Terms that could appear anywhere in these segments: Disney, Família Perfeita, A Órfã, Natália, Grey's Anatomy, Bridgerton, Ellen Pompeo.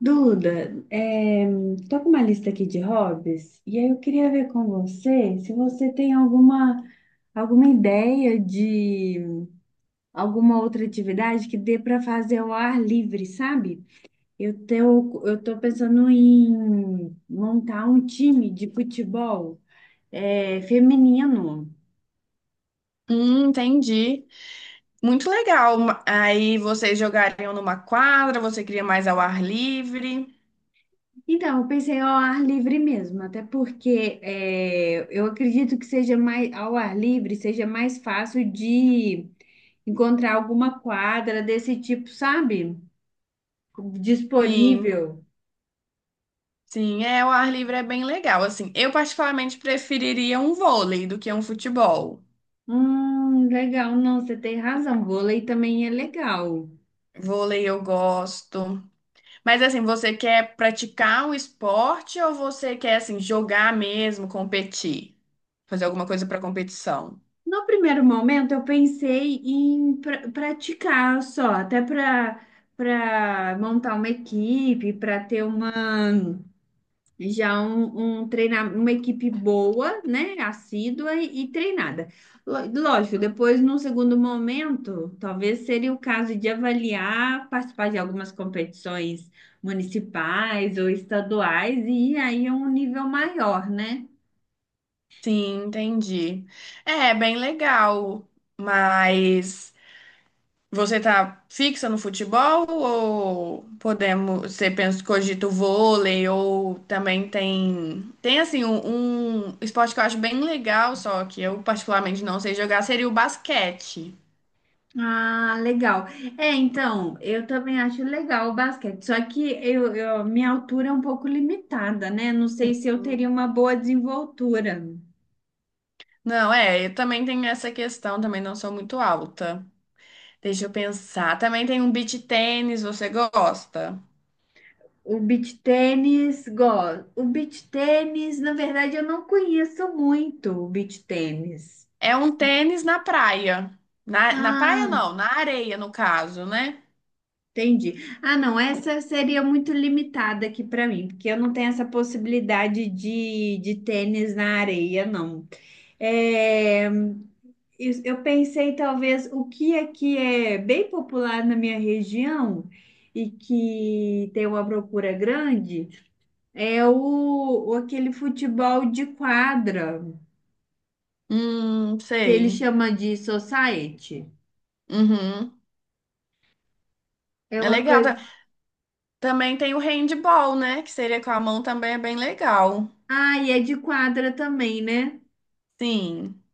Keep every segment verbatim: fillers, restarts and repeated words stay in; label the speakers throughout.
Speaker 1: Duda, é, com uma lista aqui de hobbies e aí eu queria ver com você se você tem alguma, alguma ideia de alguma outra atividade que dê para fazer ao ar livre, sabe? Eu tô, eu tô pensando em montar um time de futebol, é, feminino.
Speaker 2: Hum, entendi. Muito legal. Ma- Aí vocês jogariam numa quadra, você queria mais ao ar livre.
Speaker 1: Então, eu pensei ao ar livre mesmo, até porque é, eu acredito que seja mais ao ar livre, seja mais fácil de encontrar alguma quadra desse tipo, sabe?
Speaker 2: Sim,
Speaker 1: Disponível.
Speaker 2: sim, é, o ar livre é bem legal. Assim, eu particularmente preferiria um vôlei do que um futebol.
Speaker 1: Hum, legal. Não, você tem razão. Vôlei também é legal.
Speaker 2: Vôlei eu gosto. Mas assim, você quer praticar o esporte ou você quer assim jogar mesmo, competir? Fazer alguma coisa para competição?
Speaker 1: No primeiro momento, eu pensei em pra- praticar só, até para para montar uma equipe, para ter uma. Já um, um treinamento, uma equipe boa, né? Assídua e, e treinada. Lo- Lógico, depois, num segundo momento, talvez seria o caso de avaliar, participar de algumas competições municipais ou estaduais, e aí é um nível maior, né?
Speaker 2: Sim, entendi. É, bem legal, mas você tá fixa no futebol ou podemos, você pensa, cogita o vôlei ou também tem, tem, assim um, um esporte que eu acho bem legal, só que eu particularmente não sei jogar, seria o basquete.
Speaker 1: Ah, legal. É, então, eu também acho legal o basquete, só que eu, eu- minha altura é um pouco limitada, né? Não sei se eu teria uma boa desenvoltura.
Speaker 2: Não, é, eu também tenho essa questão, também não sou muito alta. Deixa eu pensar. Também tem um beach tênis, você gosta?
Speaker 1: O beach tênis, gosto. O beach tênis, na verdade, eu não conheço muito o beach tênis.
Speaker 2: É um tênis na praia. Na, na praia
Speaker 1: Ah,
Speaker 2: não, na areia no caso, né?
Speaker 1: entendi. Ah, não, essa seria muito limitada aqui para mim, porque eu não tenho essa possibilidade de, de tênis na areia, não. É, eu eu pensei, talvez, o que aqui é bem popular na minha região e que tem uma procura grande é o o- aquele futebol de quadra,
Speaker 2: Hum,
Speaker 1: que ele
Speaker 2: sei.
Speaker 1: chama de society.
Speaker 2: Uhum.
Speaker 1: É
Speaker 2: É
Speaker 1: uma
Speaker 2: legal.
Speaker 1: coisa.
Speaker 2: Também tem o handball, né? Que seria com a mão também é bem legal.
Speaker 1: Ah, e é de quadra também, né?
Speaker 2: Sim.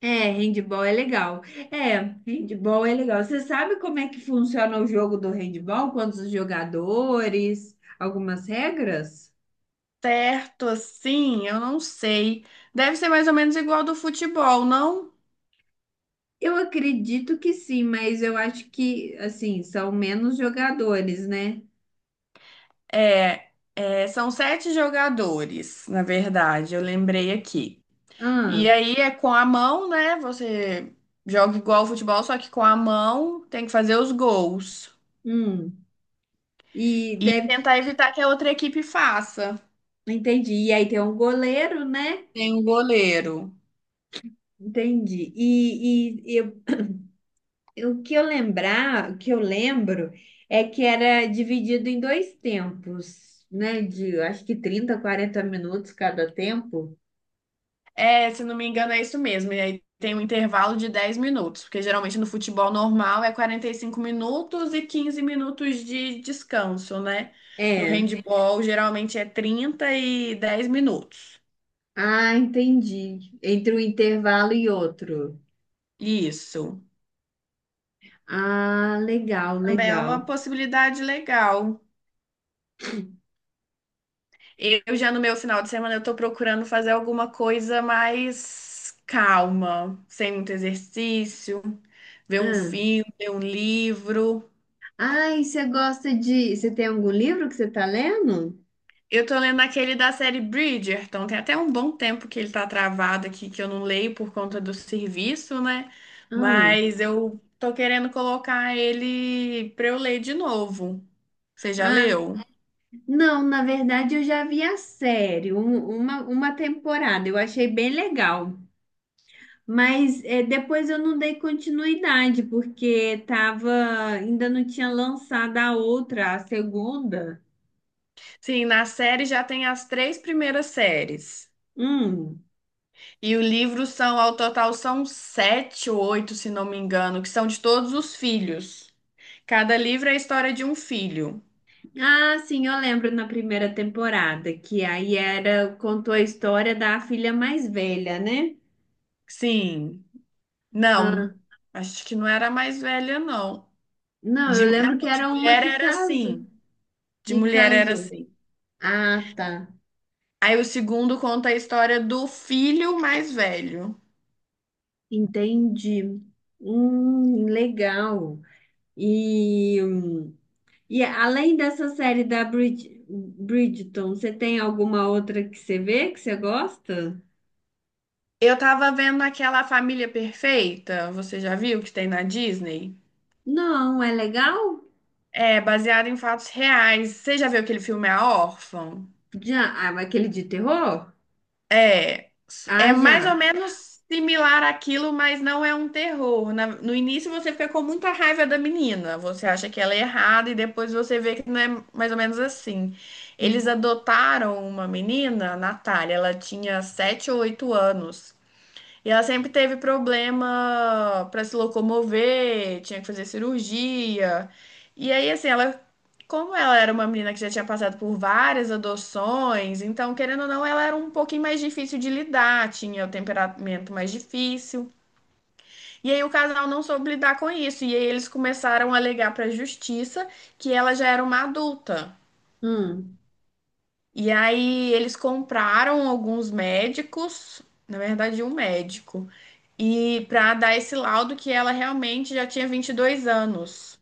Speaker 1: É, handball é legal. É, handball é legal. Você sabe como é que funciona o jogo do handball? Quantos jogadores? Algumas regras?
Speaker 2: Certo, assim, eu não sei. Deve ser mais ou menos igual do futebol, não?
Speaker 1: Eu acredito que sim, mas eu acho que, assim, são menos jogadores, né?
Speaker 2: É, é, são sete jogadores, na verdade, eu lembrei aqui. E
Speaker 1: Ah,
Speaker 2: aí é com a mão, né? Você joga igual ao futebol, só que com a mão tem que fazer os gols.
Speaker 1: hum. E deve.
Speaker 2: Tentar evitar que a outra equipe faça.
Speaker 1: Entendi. E aí tem um goleiro, né?
Speaker 2: Tem um goleiro.
Speaker 1: Entendi. E, e, e O que eu lembrar, o que eu lembro é que era dividido em dois tempos, né? De acho que trinta, quarenta minutos cada tempo.
Speaker 2: É, se não me engano, é isso mesmo. E aí tem um intervalo de dez minutos, porque geralmente no futebol normal é quarenta e cinco minutos e quinze minutos de descanso, né? No
Speaker 1: É.
Speaker 2: handball geralmente é trinta e dez minutos.
Speaker 1: Ah, entendi. Entre um intervalo e outro.
Speaker 2: Isso.
Speaker 1: Ah, legal,
Speaker 2: Também é uma
Speaker 1: legal.
Speaker 2: possibilidade legal. Eu já no meu final de semana eu tô procurando fazer alguma coisa mais calma, sem muito exercício, ver um
Speaker 1: Ah,
Speaker 2: filme, ler um livro.
Speaker 1: ah, e você gosta de. Você tem algum livro que você está lendo?
Speaker 2: Eu tô lendo aquele da série Bridgerton. Tem até um bom tempo que ele tá travado aqui, que eu não leio por conta do serviço, né?
Speaker 1: Ah,
Speaker 2: Mas eu tô querendo colocar ele pra eu ler de novo. Você já
Speaker 1: ah,
Speaker 2: leu?
Speaker 1: não, na verdade eu já vi a série, um- uma, uma temporada, eu achei bem legal. Mas é, depois eu não dei continuidade, porque tava, ainda não tinha lançado a outra, a segunda.
Speaker 2: Sim, na série já tem as três primeiras séries.
Speaker 1: Hum.
Speaker 2: E o livro são, ao total, são sete ou oito, se não me engano, que são de todos os filhos. Cada livro é a história de um filho.
Speaker 1: Ah, sim, eu lembro na primeira temporada, que aí era, contou a história da filha mais velha, né?
Speaker 2: Sim.
Speaker 1: Ah,
Speaker 2: Não, acho que não era a mais velha, não.
Speaker 1: não,
Speaker 2: De,
Speaker 1: eu
Speaker 2: não,
Speaker 1: lembro que
Speaker 2: não, de
Speaker 1: era uma
Speaker 2: mulher
Speaker 1: que
Speaker 2: era
Speaker 1: casou,
Speaker 2: assim. De
Speaker 1: que
Speaker 2: mulher era
Speaker 1: casou.
Speaker 2: assim.
Speaker 1: Ah, tá.
Speaker 2: Aí o segundo conta a história do filho mais velho.
Speaker 1: Entendi. Hum, legal. E, hum, E além dessa série da Brid- Bridgerton, você tem alguma outra que você vê que você gosta?
Speaker 2: Eu tava vendo aquela Família Perfeita, você já viu que tem na Disney?
Speaker 1: Não, é legal?
Speaker 2: É, baseado em fatos reais. Você já viu aquele filme A Órfã?
Speaker 1: Já, ah, mas aquele de terror?
Speaker 2: É, é
Speaker 1: Ah,
Speaker 2: mais ou
Speaker 1: já.
Speaker 2: menos similar àquilo, mas não é um terror. Na- no início você fica com muita raiva da menina, você acha que ela é errada e depois você vê que não é mais ou menos assim. Eles adotaram uma menina, a Natália, ela tinha sete ou oito anos. E ela sempre teve problema para se locomover, tinha que fazer cirurgia. E aí, assim, ela, como ela era uma menina que já tinha passado por várias adoções, então, querendo ou não, ela era um pouquinho mais difícil de lidar, tinha o temperamento mais difícil. E aí o casal não soube lidar com isso, e aí eles começaram a alegar para a justiça que ela já era uma adulta.
Speaker 1: Hum,
Speaker 2: E aí eles compraram alguns médicos, na verdade, um médico, e para dar esse laudo que ela realmente já tinha vinte e dois anos.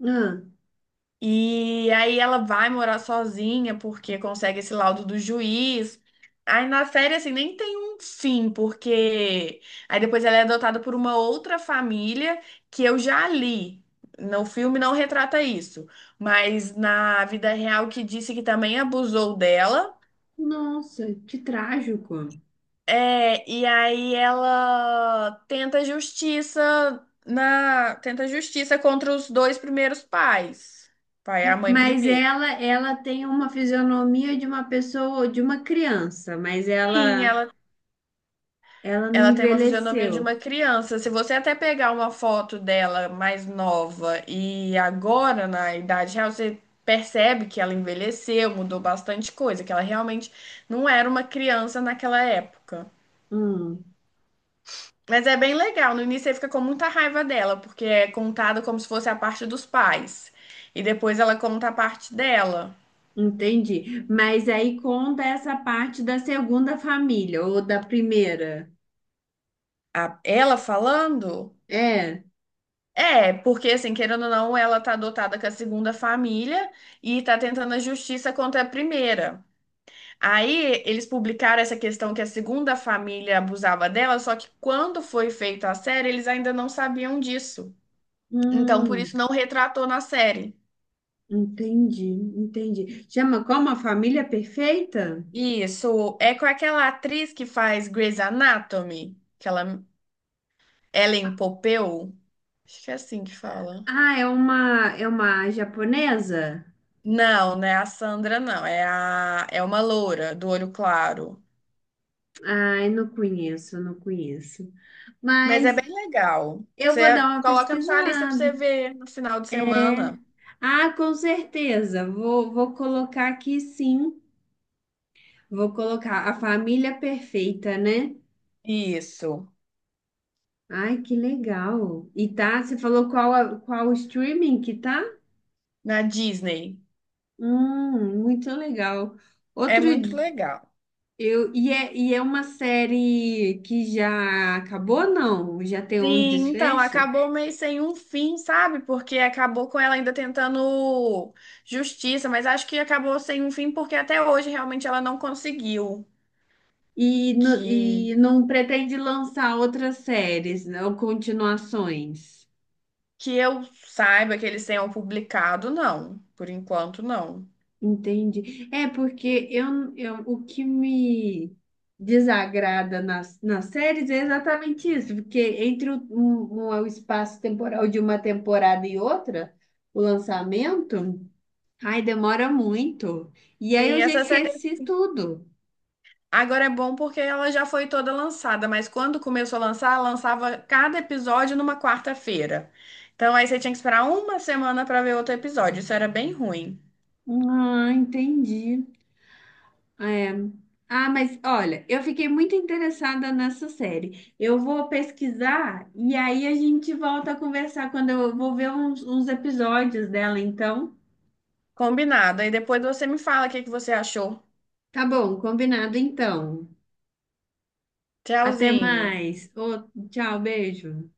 Speaker 1: hum.
Speaker 2: E aí ela vai morar sozinha porque consegue esse laudo do juiz. Aí na série assim nem tem um fim, porque aí depois ela é adotada por uma outra família que eu já li. No filme não retrata isso, mas na vida real que disse que também abusou dela.
Speaker 1: Nossa, que trágico.
Speaker 2: É, e aí ela tenta justiça na, tenta justiça contra os dois primeiros pais, pai e a mãe
Speaker 1: Mas
Speaker 2: primeiro.
Speaker 1: ela, ela tem uma fisionomia de uma pessoa, de uma criança, mas
Speaker 2: Sim,
Speaker 1: ela,
Speaker 2: ela,
Speaker 1: ela não
Speaker 2: ela tem uma fisionomia de
Speaker 1: envelheceu.
Speaker 2: uma criança. Se você até pegar uma foto dela mais nova e agora na idade real, você percebe que ela envelheceu, mudou bastante coisa, que ela realmente não era uma criança naquela época.
Speaker 1: Hum,
Speaker 2: Mas é bem legal. No início você fica com muita raiva dela, porque é contado como se fosse a parte dos pais. E depois ela conta a parte dela.
Speaker 1: entendi. Mas aí conta essa parte da segunda família ou da primeira.
Speaker 2: A- ela falando?
Speaker 1: É.
Speaker 2: É, porque assim, querendo ou não, ela tá adotada com a segunda família e tá tentando a justiça contra a primeira. Aí eles publicaram essa questão que a segunda família abusava dela, só que quando foi feita a série, eles ainda não sabiam disso. Então, por isso
Speaker 1: Hum,
Speaker 2: não retratou na série.
Speaker 1: entendi, entendi. Chama como a família perfeita?
Speaker 2: Isso, é com aquela atriz que faz Grey's Anatomy, aquela Ellen Pompeo, acho que é assim que fala.
Speaker 1: Ah, é uma é uma japonesa?
Speaker 2: Não, não é a Sandra, não, é a é uma loura do olho claro,
Speaker 1: Ai, não conheço, não conheço.
Speaker 2: mas é
Speaker 1: Mas
Speaker 2: bem legal.
Speaker 1: eu
Speaker 2: Você
Speaker 1: vou dar uma
Speaker 2: coloca na sua lista pra
Speaker 1: pesquisada,
Speaker 2: você ver no final de semana.
Speaker 1: né? Ah, com certeza. Vou vou colocar aqui sim. Vou colocar a família perfeita, né?
Speaker 2: Isso,
Speaker 1: Ai, que legal. E tá, você falou qual a- qual o streaming que tá?
Speaker 2: na Disney.
Speaker 1: Hum, muito legal.
Speaker 2: É
Speaker 1: Outro
Speaker 2: muito legal.
Speaker 1: Eu, e, é, e é uma série que já acabou, não? Já tem um
Speaker 2: Sim, então,
Speaker 1: desfecho?
Speaker 2: acabou meio sem um fim, sabe? Porque acabou com ela ainda tentando justiça, mas acho que acabou sem um fim porque até hoje realmente ela não conseguiu
Speaker 1: E, no-
Speaker 2: que,
Speaker 1: e não pretende lançar outras séries, né, ou continuações.
Speaker 2: que eu saiba que eles tenham publicado, não. Por enquanto, não.
Speaker 1: Entendi. É porque eu, eu, o que me desagrada nas, nas séries é exatamente isso, porque entre o, um- um- o espaço temporal de uma temporada e outra, o lançamento, ai, demora muito. E aí eu
Speaker 2: Sim,
Speaker 1: já
Speaker 2: essa série
Speaker 1: esqueci tudo.
Speaker 2: agora é bom porque ela já foi toda lançada, mas quando começou a lançar, ela lançava cada episódio numa quarta-feira. Então aí você tinha que esperar uma semana para ver outro episódio. Isso era bem ruim.
Speaker 1: Ah, entendi. É. Ah, mas olha, eu fiquei muito interessada nessa série. Eu vou pesquisar e aí a gente volta a conversar quando eu vou ver uns, uns episódios dela, então.
Speaker 2: Combinado. Aí depois você me fala o que que você achou.
Speaker 1: Tá bom, combinado então. Até
Speaker 2: Tchauzinho.
Speaker 1: mais. Ô, tchau, beijo.